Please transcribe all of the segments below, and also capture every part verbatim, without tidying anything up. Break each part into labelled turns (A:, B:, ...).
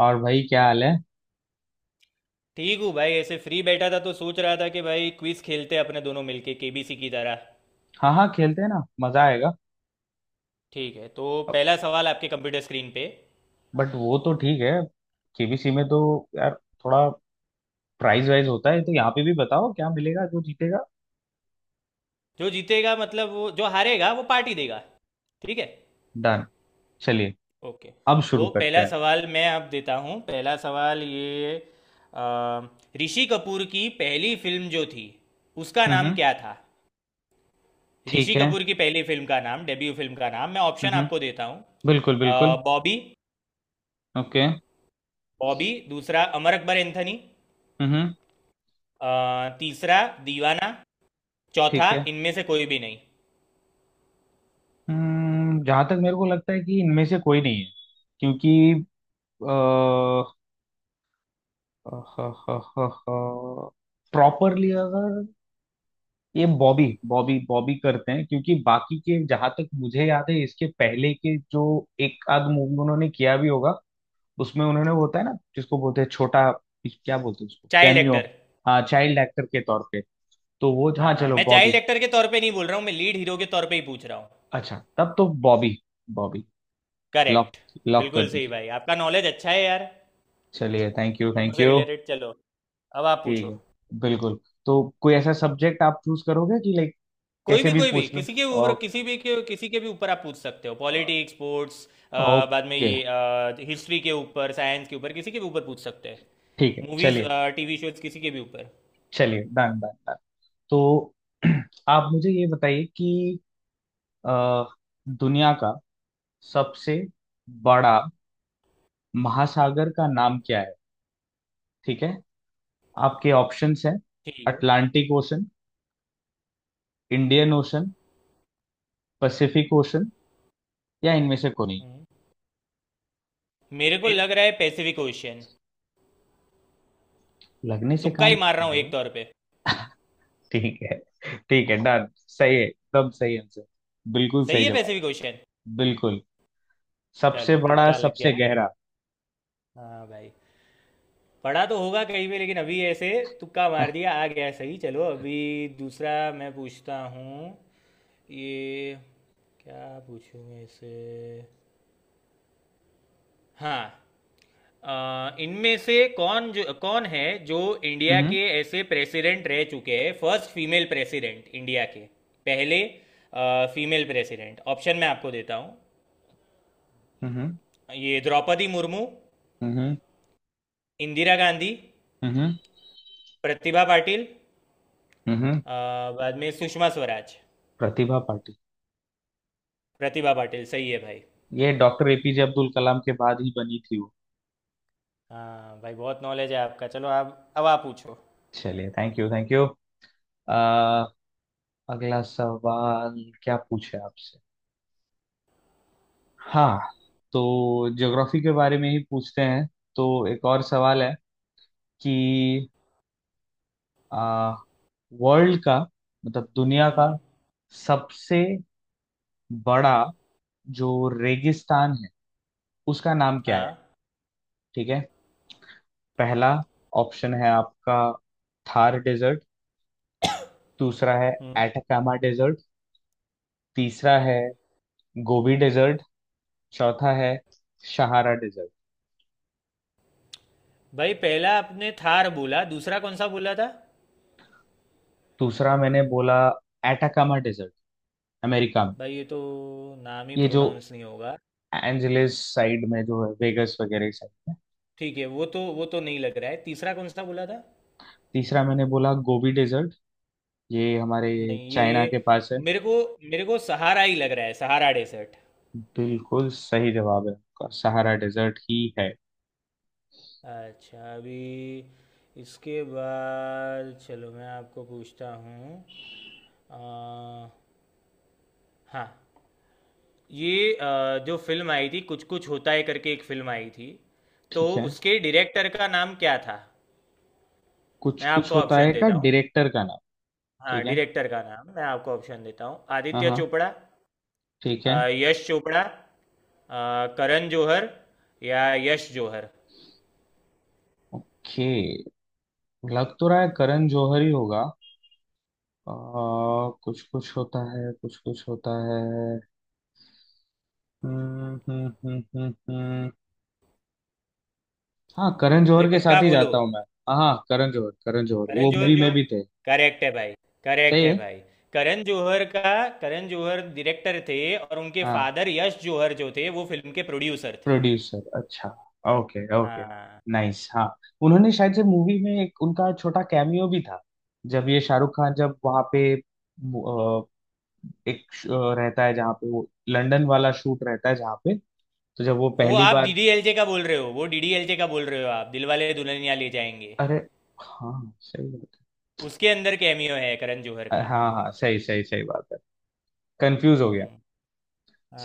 A: और भाई क्या हाल है?
B: ठीक हूँ भाई ऐसे फ्री बैठा था तो सोच रहा था कि भाई क्विज खेलते हैं अपने दोनों मिलके केबीसी की तरह।
A: हाँ हाँ, खेलते हैं ना, मजा आएगा।
B: ठीक है तो पहला सवाल आपके कंप्यूटर स्क्रीन पे।
A: बट वो तो ठीक है, केबीसी में तो यार थोड़ा प्राइज वाइज होता है, तो यहाँ पे भी बताओ क्या मिलेगा जो जीतेगा।
B: जो जीतेगा मतलब वो जो हारेगा वो पार्टी देगा। ठीक है।
A: डन। चलिए,
B: ओके।
A: अब शुरू
B: तो
A: करते
B: पहला
A: हैं।
B: सवाल मैं आप देता हूँ पहला सवाल ये अ, ऋषि कपूर की पहली फिल्म जो थी उसका नाम
A: हम्म।
B: क्या था।
A: ठीक
B: ऋषि
A: है।
B: कपूर की पहली फिल्म का नाम डेब्यू फिल्म का नाम मैं ऑप्शन
A: हम्म,
B: आपको देता हूँ।
A: बिल्कुल बिल्कुल।
B: बॉबी।
A: ओके।
B: बॉबी दूसरा अमर अकबर एंथनी।
A: हम्म।
B: अ, तीसरा दीवाना। चौथा
A: ठीक है।
B: इनमें से कोई भी नहीं।
A: हम्म, जहां तक मेरे को लगता है कि इनमें से कोई नहीं है, क्योंकि प्रॉपरली अगर ये बॉबी बॉबी बॉबी करते हैं, क्योंकि बाकी के जहां तक मुझे याद है इसके पहले के जो एक आध मूवी उन्होंने किया भी होगा, उसमें उन्होंने वो होता है ना, जिसको बोलते हैं छोटा, क्या बोलते हैं उसको,
B: चाइल्ड
A: कैमियो।
B: एक्टर।
A: हाँ, चाइल्ड एक्टर के तौर पे, तो वो हाँ,
B: हाँ, हाँ,
A: चलो
B: मैं चाइल्ड
A: बॉबी।
B: एक्टर के तौर पे नहीं बोल रहा हूँ, मैं लीड हीरो के तौर पे ही पूछ रहा हूँ।
A: अच्छा, तब तो Bobby. Bobby lock,
B: correct.
A: Lock कर
B: बिल्कुल सही
A: दीजिए।
B: भाई, आपका नॉलेज अच्छा है यार।
A: चलिए, थैंक यू
B: फिल्मों
A: थैंक
B: से
A: यू।
B: रिलेटेड चलो, अब आप
A: ठीक
B: पूछो।
A: है, बिल्कुल। तो कोई ऐसा सब्जेक्ट आप चूज करोगे कि लाइक
B: कोई
A: कैसे
B: भी,
A: भी
B: कोई भी,
A: पूछ लो।
B: किसी के ऊपर
A: ओ-
B: किसी भी के किसी के भी ऊपर आप पूछ सकते हो। पॉलिटिक्स, स्पोर्ट्स, बाद में
A: ओके।
B: ये हिस्ट्री के ऊपर साइंस के ऊपर किसी के भी ऊपर पूछ सकते हैं।
A: ठीक है,
B: मूवीज,
A: चलिए।
B: टीवी शोज, किसी के भी ऊपर।
A: चलिए, डन डन। तो आप मुझे ये बताइए कि अ, दुनिया का सबसे बड़ा महासागर का नाम क्या है? ठीक है, आपके ऑप्शंस हैं—
B: ठीक है।
A: Atlantic Ocean, Indian Ocean, Pacific Ocean, या इनमें से कोई नहीं।
B: हम्म। मेरे को
A: मेरे
B: लग रहा है पैसिफिक ओशियन।
A: लगने से
B: तुक्का
A: काम
B: ही मार
A: नहीं
B: रहा हूँ
A: चलेगा।
B: एक तौर पे।
A: ठीक है, ठीक है डन, सही है, एकदम सही आंसर। बिल्कुल सही
B: सही है
A: जवाब।
B: वैसे भी क्वेश्चन।
A: बिल्कुल, सबसे
B: चलो
A: बड़ा
B: तुक्का लग गया।
A: सबसे गहरा।
B: हाँ भाई। पढ़ा तो होगा कहीं भी, लेकिन अभी ऐसे तुक्का मार दिया, आ गया सही। चलो अभी दूसरा मैं पूछता हूँ। ये क्या पूछूँ ऐसे। हाँ, अ, इनमें से कौन, जो कौन है जो इंडिया
A: हम्म
B: के ऐसे प्रेसिडेंट रह चुके हैं, फर्स्ट फीमेल प्रेसिडेंट इंडिया के। पहले फीमेल प्रेसिडेंट ऑप्शन मैं आपको देता हूँ।
A: हम्म
B: ये द्रौपदी मुर्मू।
A: हम्म
B: इंदिरा गांधी।
A: हम्म
B: प्रतिभा पाटिल।
A: हम्म हम्म,
B: आ, बाद में सुषमा स्वराज।
A: प्रतिभा पाटिल।
B: प्रतिभा पाटिल सही है भाई।
A: ये डॉक्टर एपीजे अब्दुल कलाम के बाद ही बनी थी वो।
B: हाँ भाई, बहुत नॉलेज है आपका। चलो आप, अब आप पूछो।
A: चलिए, थैंक यू थैंक यू। आ, अगला सवाल, क्या पूछे आपसे। हाँ, तो ज्योग्राफी के बारे में ही पूछते हैं। तो एक और सवाल है कि आ, वर्ल्ड का मतलब दुनिया का
B: हम्म।
A: सबसे बड़ा जो रेगिस्तान है उसका नाम क्या है?
B: हाँ।
A: ठीक है, पहला ऑप्शन है आपका थार डेजर्ट, दूसरा है
B: हम्म
A: एटाकामा डेजर्ट, तीसरा है गोबी डेजर्ट, चौथा है सहारा डेजर्ट।
B: भाई पहला आपने थार बोला, दूसरा कौन सा बोला था।
A: दूसरा मैंने बोला एटाकामा डेजर्ट, अमेरिका में,
B: भाई ये तो नाम ही
A: ये जो
B: प्रोनाउंस नहीं होगा।
A: एंजलिस साइड में जो है, वेगस वगैरह साइड में।
B: ठीक है, वो तो वो तो नहीं लग रहा है। तीसरा कौन सा बोला था।
A: तीसरा मैंने बोला गोबी डेजर्ट, ये हमारे
B: नहीं, ये
A: चाइना के पास है।
B: मेरे को मेरे को सहारा ही लग रहा है, सहारा डेसर्ट।
A: बिल्कुल सही जवाब है आपका, सहारा डेजर्ट ही है।
B: अच्छा अभी इसके बाद चलो, मैं आपको पूछता हूँ। आ, हाँ, ये अ, जो फ़िल्म आई थी कुछ कुछ होता है करके, एक फ़िल्म आई थी, तो
A: ठीक है।
B: उसके डायरेक्टर का नाम क्या था।
A: कुछ
B: मैं
A: कुछ
B: आपको
A: होता है
B: ऑप्शन
A: का
B: देता हूँ।
A: डायरेक्टर का नाम?
B: हाँ
A: ठीक है,
B: डायरेक्टर का नाम मैं आपको ऑप्शन देता हूँ।
A: हाँ
B: आदित्य
A: हाँ,
B: चोपड़ा,
A: ठीक
B: अ,
A: है।
B: यश चोपड़ा, अ, करण जौहर, या यश जौहर।
A: ओके, लग तो रहा है करण जौहर ही होगा। आ, कुछ कुछ होता है, कुछ कुछ होता है। हम्म हम्म, हम्म, हम्म, हम्म। हाँ, करण
B: भाई
A: जौहर के
B: पक्का
A: साथ ही
B: बोलो।
A: जाता हूँ मैं। हाँ, करण जौहर, करण जौहर
B: करण
A: वो मूवी
B: जौहर।
A: में प्रोड्यूसर भी थे।
B: करेक्ट है भाई। करेक्ट
A: सही
B: है
A: है।
B: भाई। करण जौहर का। करण जौहर डायरेक्टर थे और उनके
A: हाँ,
B: फादर यश जौहर जो थे वो फिल्म के प्रोड्यूसर थे।
A: प्रोड्यूसर, अच्छा। Okay okay.
B: हाँ,
A: नाइस, हाँ। उन्होंने शायद से मूवी में एक उनका छोटा कैमियो भी था, जब ये शाहरुख खान जब वहाँ पे अ, एक श- अ, रहता है जहाँ पे, वो लंदन वाला शूट रहता है जहाँ पे, तो जब वो
B: वो
A: पहली
B: आप
A: बार—
B: डीडीएलजे का बोल रहे हो। वो डीडीएलजे का बोल रहे हो आप, दिलवाले दुल्हनिया ले जाएंगे।
A: अरे हाँ, सही बात
B: उसके अंदर कैमियो है करण जौहर
A: है।
B: का।
A: हाँ हाँ, सही सही सही बात है, कंफ्यूज हो गया।
B: हम्म।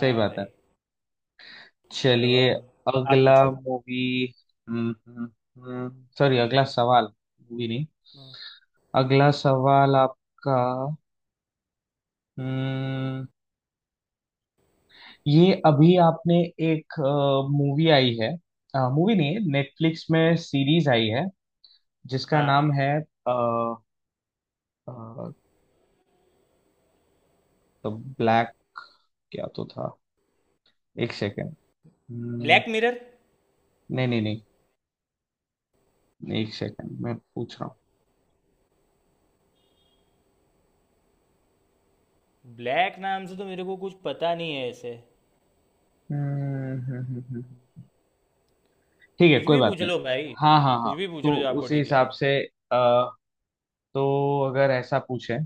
A: सही बात है।
B: भाई। चलो
A: चलिए,
B: अब आप
A: अगला
B: पूछो।
A: मूवी, सॉरी, अगला सवाल। मूवी नहीं।
B: हम्म।
A: अगला सवाल आपका। हम्म, ये अभी आपने एक मूवी आई है, मूवी नहीं है, नेटफ्लिक्स में सीरीज आई है, जिसका
B: हाँ।
A: नाम है अ, अ, तो ब्लैक क्या तो था, एक सेकेंड, नहीं
B: ब्लैक मिरर।
A: नहीं नहीं, एक सेकेंड, मैं पूछ रहा हूँ।
B: ब्लैक नाम से तो मेरे को कुछ पता नहीं है ऐसे।
A: हम्म, हम्म, हम्म, हम्म। ठीक है,
B: कुछ
A: कोई
B: भी
A: बात
B: पूछ
A: नहीं।
B: लो भाई।
A: हाँ हाँ हाँ।
B: कुछ भी पूछ
A: तो
B: लो जो आपको
A: उसी
B: ठीक
A: हिसाब
B: लगे।
A: से अ, तो अगर ऐसा पूछें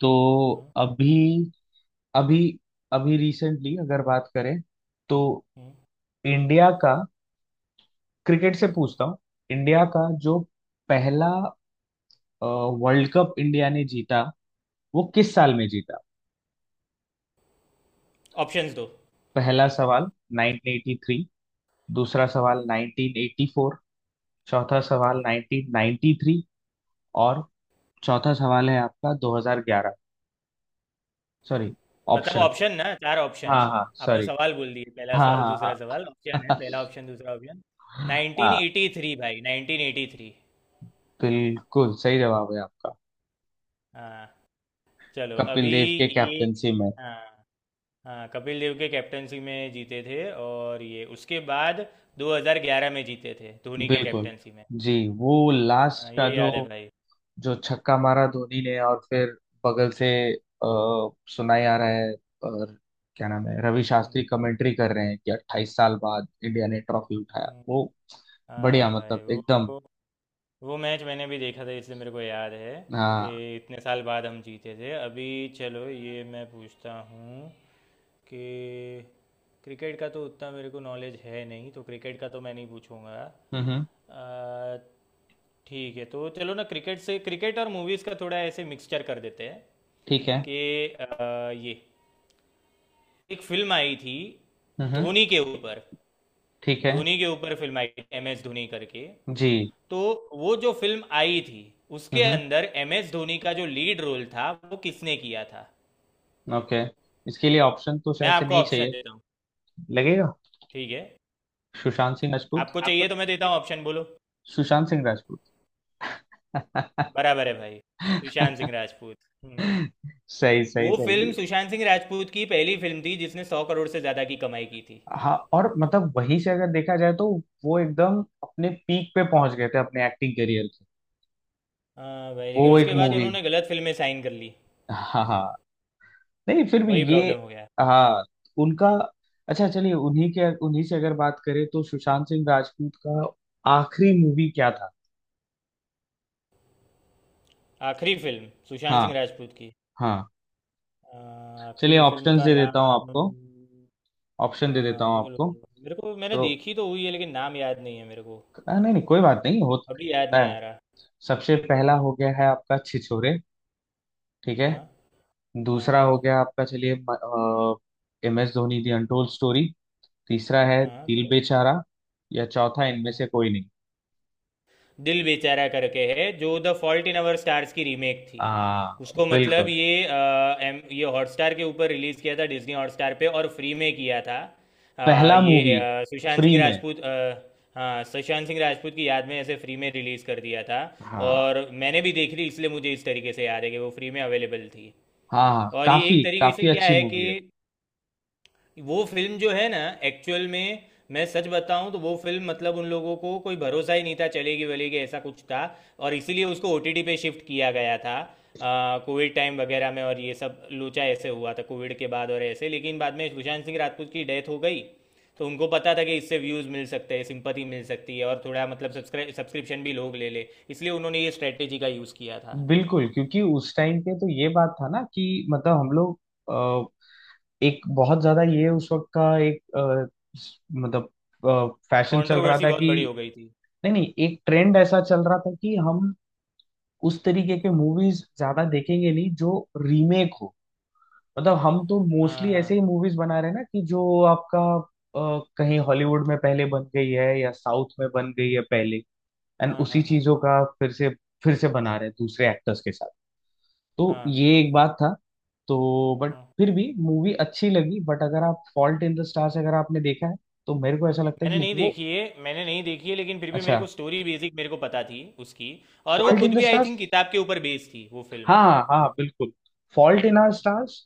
A: तो अभी अभी अभी रिसेंटली अगर बात करें तो इंडिया का, क्रिकेट से पूछता हूँ, इंडिया का जो पहला वर्ल्ड कप इंडिया ने जीता वो किस साल में जीता?
B: ऑप्शंस दो।
A: पहला सवाल नाइन्टीन एटी थ्री, दूसरा सवाल नाइन्टीन एटी फोर, चौथा सवाल नाइन्टीन नाइन्टी थ्री, और चौथा सवाल है आपका दो हज़ार ग्यारह। सॉरी,
B: मतलब
A: ऑप्शन,
B: ऑप्शन ना, चार ऑप्शन।
A: हाँ हाँ
B: आपने
A: सॉरी।
B: सवाल बोल दिए पहला
A: हाँ
B: सवाल दूसरा
A: हाँ
B: सवाल, ऑप्शन है,
A: हाँ।
B: पहला ऑप्शन दूसरा ऑप्शन।
A: हाँ,
B: नाइन्टीन एटी थ्री भाई, नाइन्टीन एटी थ्री।
A: बिल्कुल सही जवाब है आपका,
B: हाँ। चलो अभी
A: कपिल देव के
B: ये।
A: कैप्टनसी में।
B: हाँ, हाँ, कपिल देव के कैप्टनसी में जीते थे, और ये उसके बाद दो हज़ार ग्यारह में जीते थे धोनी के
A: बिल्कुल।
B: कैप्टनसी में।
A: जी, वो लास्ट
B: हाँ
A: का
B: ये
A: जो,
B: याद है भाई।
A: जो छक्का मारा धोनी ने और फिर बगल से अ, सुनाई आ रहा है, और क्या नाम है, रवि
B: हम्म।
A: शास्त्री कमेंट्री कर रहे हैं कि अट्ठाईस साल बाद इंडिया ने ट्रॉफी उठाया
B: हम्म।
A: वो।
B: हाँ
A: बढ़िया,
B: भाई
A: मतलब एकदम।
B: वो। वो मैच मैंने भी देखा था इसलिए मेरे को याद है कि
A: हाँ।
B: इतने साल बाद हम जीते थे। अभी चलो ये मैं पूछता हूँ कि क्रिकेट का तो उतना मेरे को नॉलेज है नहीं, तो क्रिकेट का तो मैं नहीं पूछूंगा।
A: हम्म हम्म,
B: अ, ठीक है, तो चलो ना क्रिकेट से, क्रिकेट और मूवीज़ का थोड़ा ऐसे मिक्सचर कर देते हैं।
A: ठीक है।
B: कि अ, ये एक फिल्म आई थी
A: हम्म हम्म,
B: धोनी के ऊपर।
A: ठीक है।
B: धोनी के ऊपर फिल्म आई थी एम एस धोनी करके।
A: जी।
B: तो वो जो फिल्म आई थी, उसके
A: हम्म हम्म,
B: अंदर एम एस धोनी का जो लीड रोल था वो किसने किया था।
A: ओके, इसके लिए ऑप्शन तो
B: मैं
A: शायद से
B: आपको
A: नहीं
B: ऑप्शन
A: चाहिए
B: देता हूँ।
A: लगेगा।
B: ठीक है।
A: सुशांत सिंह राजपूत,
B: आपको चाहिए
A: आपको
B: तो
A: जो-
B: मैं देता हूँ ऑप्शन, बोलो।
A: सुशांत सिंह राजपूत।
B: बराबर है भाई। सुशांत सिंह राजपूत। हम्म।
A: सही सही
B: वो
A: सही।
B: फिल्म सुशांत सिंह राजपूत की पहली फिल्म थी जिसने सौ करोड़ से ज़्यादा की कमाई की थी।
A: हाँ, और मतलब वहीं से अगर देखा जाए तो वो एकदम अपने पीक पे पहुंच गए थे अपने एक्टिंग करियर के।
B: हाँ भाई,
A: वो
B: लेकिन
A: एक
B: उसके
A: बिल्कुल
B: बाद
A: मूवी उसके,
B: उन्होंने गलत फिल्में साइन कर ली।
A: हाँ हाँ, नहीं फिर भी
B: वही
A: ये,
B: प्रॉब्लम हो गया।
A: हाँ उनका। अच्छा, चलिए उन्हीं के, उन्हीं से अगर बात करें तो सुशांत सिंह राजपूत का आखिरी मूवी क्या था?
B: आखिरी फिल्म सुशांत
A: हाँ
B: सिंह राजपूत की।
A: हाँ।
B: आ,
A: चलिए,
B: आखिरी फिल्म
A: ऑप्शंस
B: का
A: दे देता हूँ
B: नाम।
A: आपको, ऑप्शन दे देता
B: हाँ
A: हूँ
B: बोलो
A: आपको।
B: बोलो, मेरे को मैंने
A: तो
B: देखी तो हुई है लेकिन नाम याद नहीं है मेरे को।
A: हाँ, नहीं नहीं कोई बात नहीं, हो,
B: अभी याद
A: होता
B: नहीं
A: है।
B: आ रहा।
A: सबसे पहला हो
B: हाँ।
A: गया है आपका छिछोरे, ठीक है,
B: हाँ। हाँ।
A: दूसरा हो गया आपका, चलिए, M S Dhoni the untold story, तीसरा है
B: हाँ
A: दिल
B: प्ले-
A: बेचारा, या चौथा इनमें
B: हाँ।
A: से कोई नहीं।
B: दिल बेचारा करके है, जो the fault in our stars की रीमेक थी।
A: हाँ,
B: उसको मतलब
A: बिल्कुल।
B: ये अ, एम ये हॉटस्टार के ऊपर रिलीज़ किया था डिज्नी हॉटस्टार पे, और फ्री में किया था। अ,
A: पहला
B: ये
A: मूवी,
B: अ, सुशांत
A: फ्री
B: सिंह
A: में।
B: राजपूत अ, हाँ, सुशांत सिंह राजपूत की याद में ऐसे फ्री में रिलीज़ कर दिया था।
A: हाँ
B: और मैंने भी देखी थी इसलिए मुझे इस तरीके से याद है कि वो फ्री में अवेलेबल थी।
A: हाँ हाँ,
B: और ये एक
A: काफी
B: तरीके से
A: काफी
B: क्या
A: अच्छी
B: है
A: मूवी
B: कि
A: है।
B: वो फिल्म जो है ना, एक्चुअल में मैं सच बताऊं तो वो फिल्म मतलब उन लोगों को कोई भरोसा ही नहीं था चलेगी वलेगी, ऐसा कुछ था। और इसीलिए उसको ओटीटी पे शिफ्ट किया गया था कोविड टाइम वगैरह में, और ये सब लोचा ऐसे हुआ था कोविड के बाद और ऐसे, लेकिन बाद में सुशांत सिंह राजपूत की डेथ हो गई। तो उनको पता था कि इससे व्यूज़ मिल सकते हैं, सिंपथी मिल सकती है, और थोड़ा मतलब सब्सक्राइब सब्सक्रिप्शन भी लोग ले ले, इसलिए उन्होंने ये स्ट्रेटेजी का यूज़ किया था।
A: बिल्कुल, क्योंकि उस टाइम पे तो ये बात था ना कि मतलब हम लोग एक बहुत ज्यादा ये उस वक्त का एक अ, स- मतलब फैशन चल रहा
B: कंट्रोवर्सी
A: था
B: बहुत बड़ी
A: कि,
B: हो गई थी।
A: नहीं नहीं, एक ट्रेंड ऐसा चल रहा था कि हम उस तरीके के मूवीज ज्यादा देखेंगे नहीं, जो रीमेक हो। मतलब हम तो
B: हाँ।
A: मोस्टली ऐसे
B: हाँ।
A: ही मूवीज बना रहे हैं ना, कि जो आपका अ, कहीं हॉलीवुड में पहले बन गई है या साउथ में बन गई है पहले, एंड
B: हाँ।
A: उसी
B: हाँ। हाँ।
A: चीजों का फिर से फिर से बना रहे हैं दूसरे एक्टर्स के साथ। तो
B: हाँ।
A: ये एक बात था। तो बट
B: हाँ।
A: फिर भी मूवी अच्छी लगी, बट अगर आप फॉल्ट इन द स्टार्स अगर आपने देखा है तो मेरे को ऐसा लगता है कि
B: मैंने नहीं
A: वो
B: देखी है, मैंने नहीं देखी है, लेकिन फिर भी मेरे
A: अच्छा।
B: को स्टोरी बेसिक मेरे को पता थी उसकी। और वो
A: फॉल्ट इन
B: खुद
A: द
B: भी आई
A: स्टार्स,
B: थिंक किताब के ऊपर बेस्ड थी वो फिल्म।
A: हाँ हाँ हाँ, बिल्कुल। फॉल्ट इन आवर स्टार्स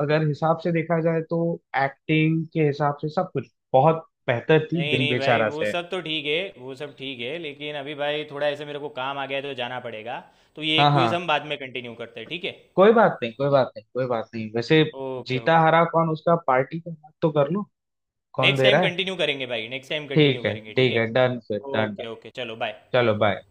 A: अगर हिसाब से देखा जाए तो एक्टिंग के हिसाब से सब कुछ बहुत बेहतर थी
B: नहीं,
A: दिल
B: नहीं, भाई
A: बेचारा
B: वो
A: से।
B: सब तो ठीक है। वो सब ठीक है, लेकिन अभी भाई थोड़ा ऐसे मेरे को काम आ गया है, तो जाना पड़ेगा। तो ये
A: हाँ हाँ,
B: क्विज हम बाद में कंटिन्यू करते हैं, ठीक है।
A: कोई बात नहीं कोई बात नहीं कोई बात नहीं वैसे,
B: ओके।
A: जीता
B: ओके।
A: हरा कौन, उसका पार्टी का बात तो कर लो, कौन
B: नेक्स्ट
A: दे
B: टाइम
A: रहा है?
B: कंटिन्यू करेंगे भाई, नेक्स्ट टाइम कंटिन्यू
A: ठीक है
B: करेंगे, ठीक
A: ठीक
B: है।
A: है, डन फिर, डन डन।
B: ओके। ओके। चलो बाय।
A: चलो बाय।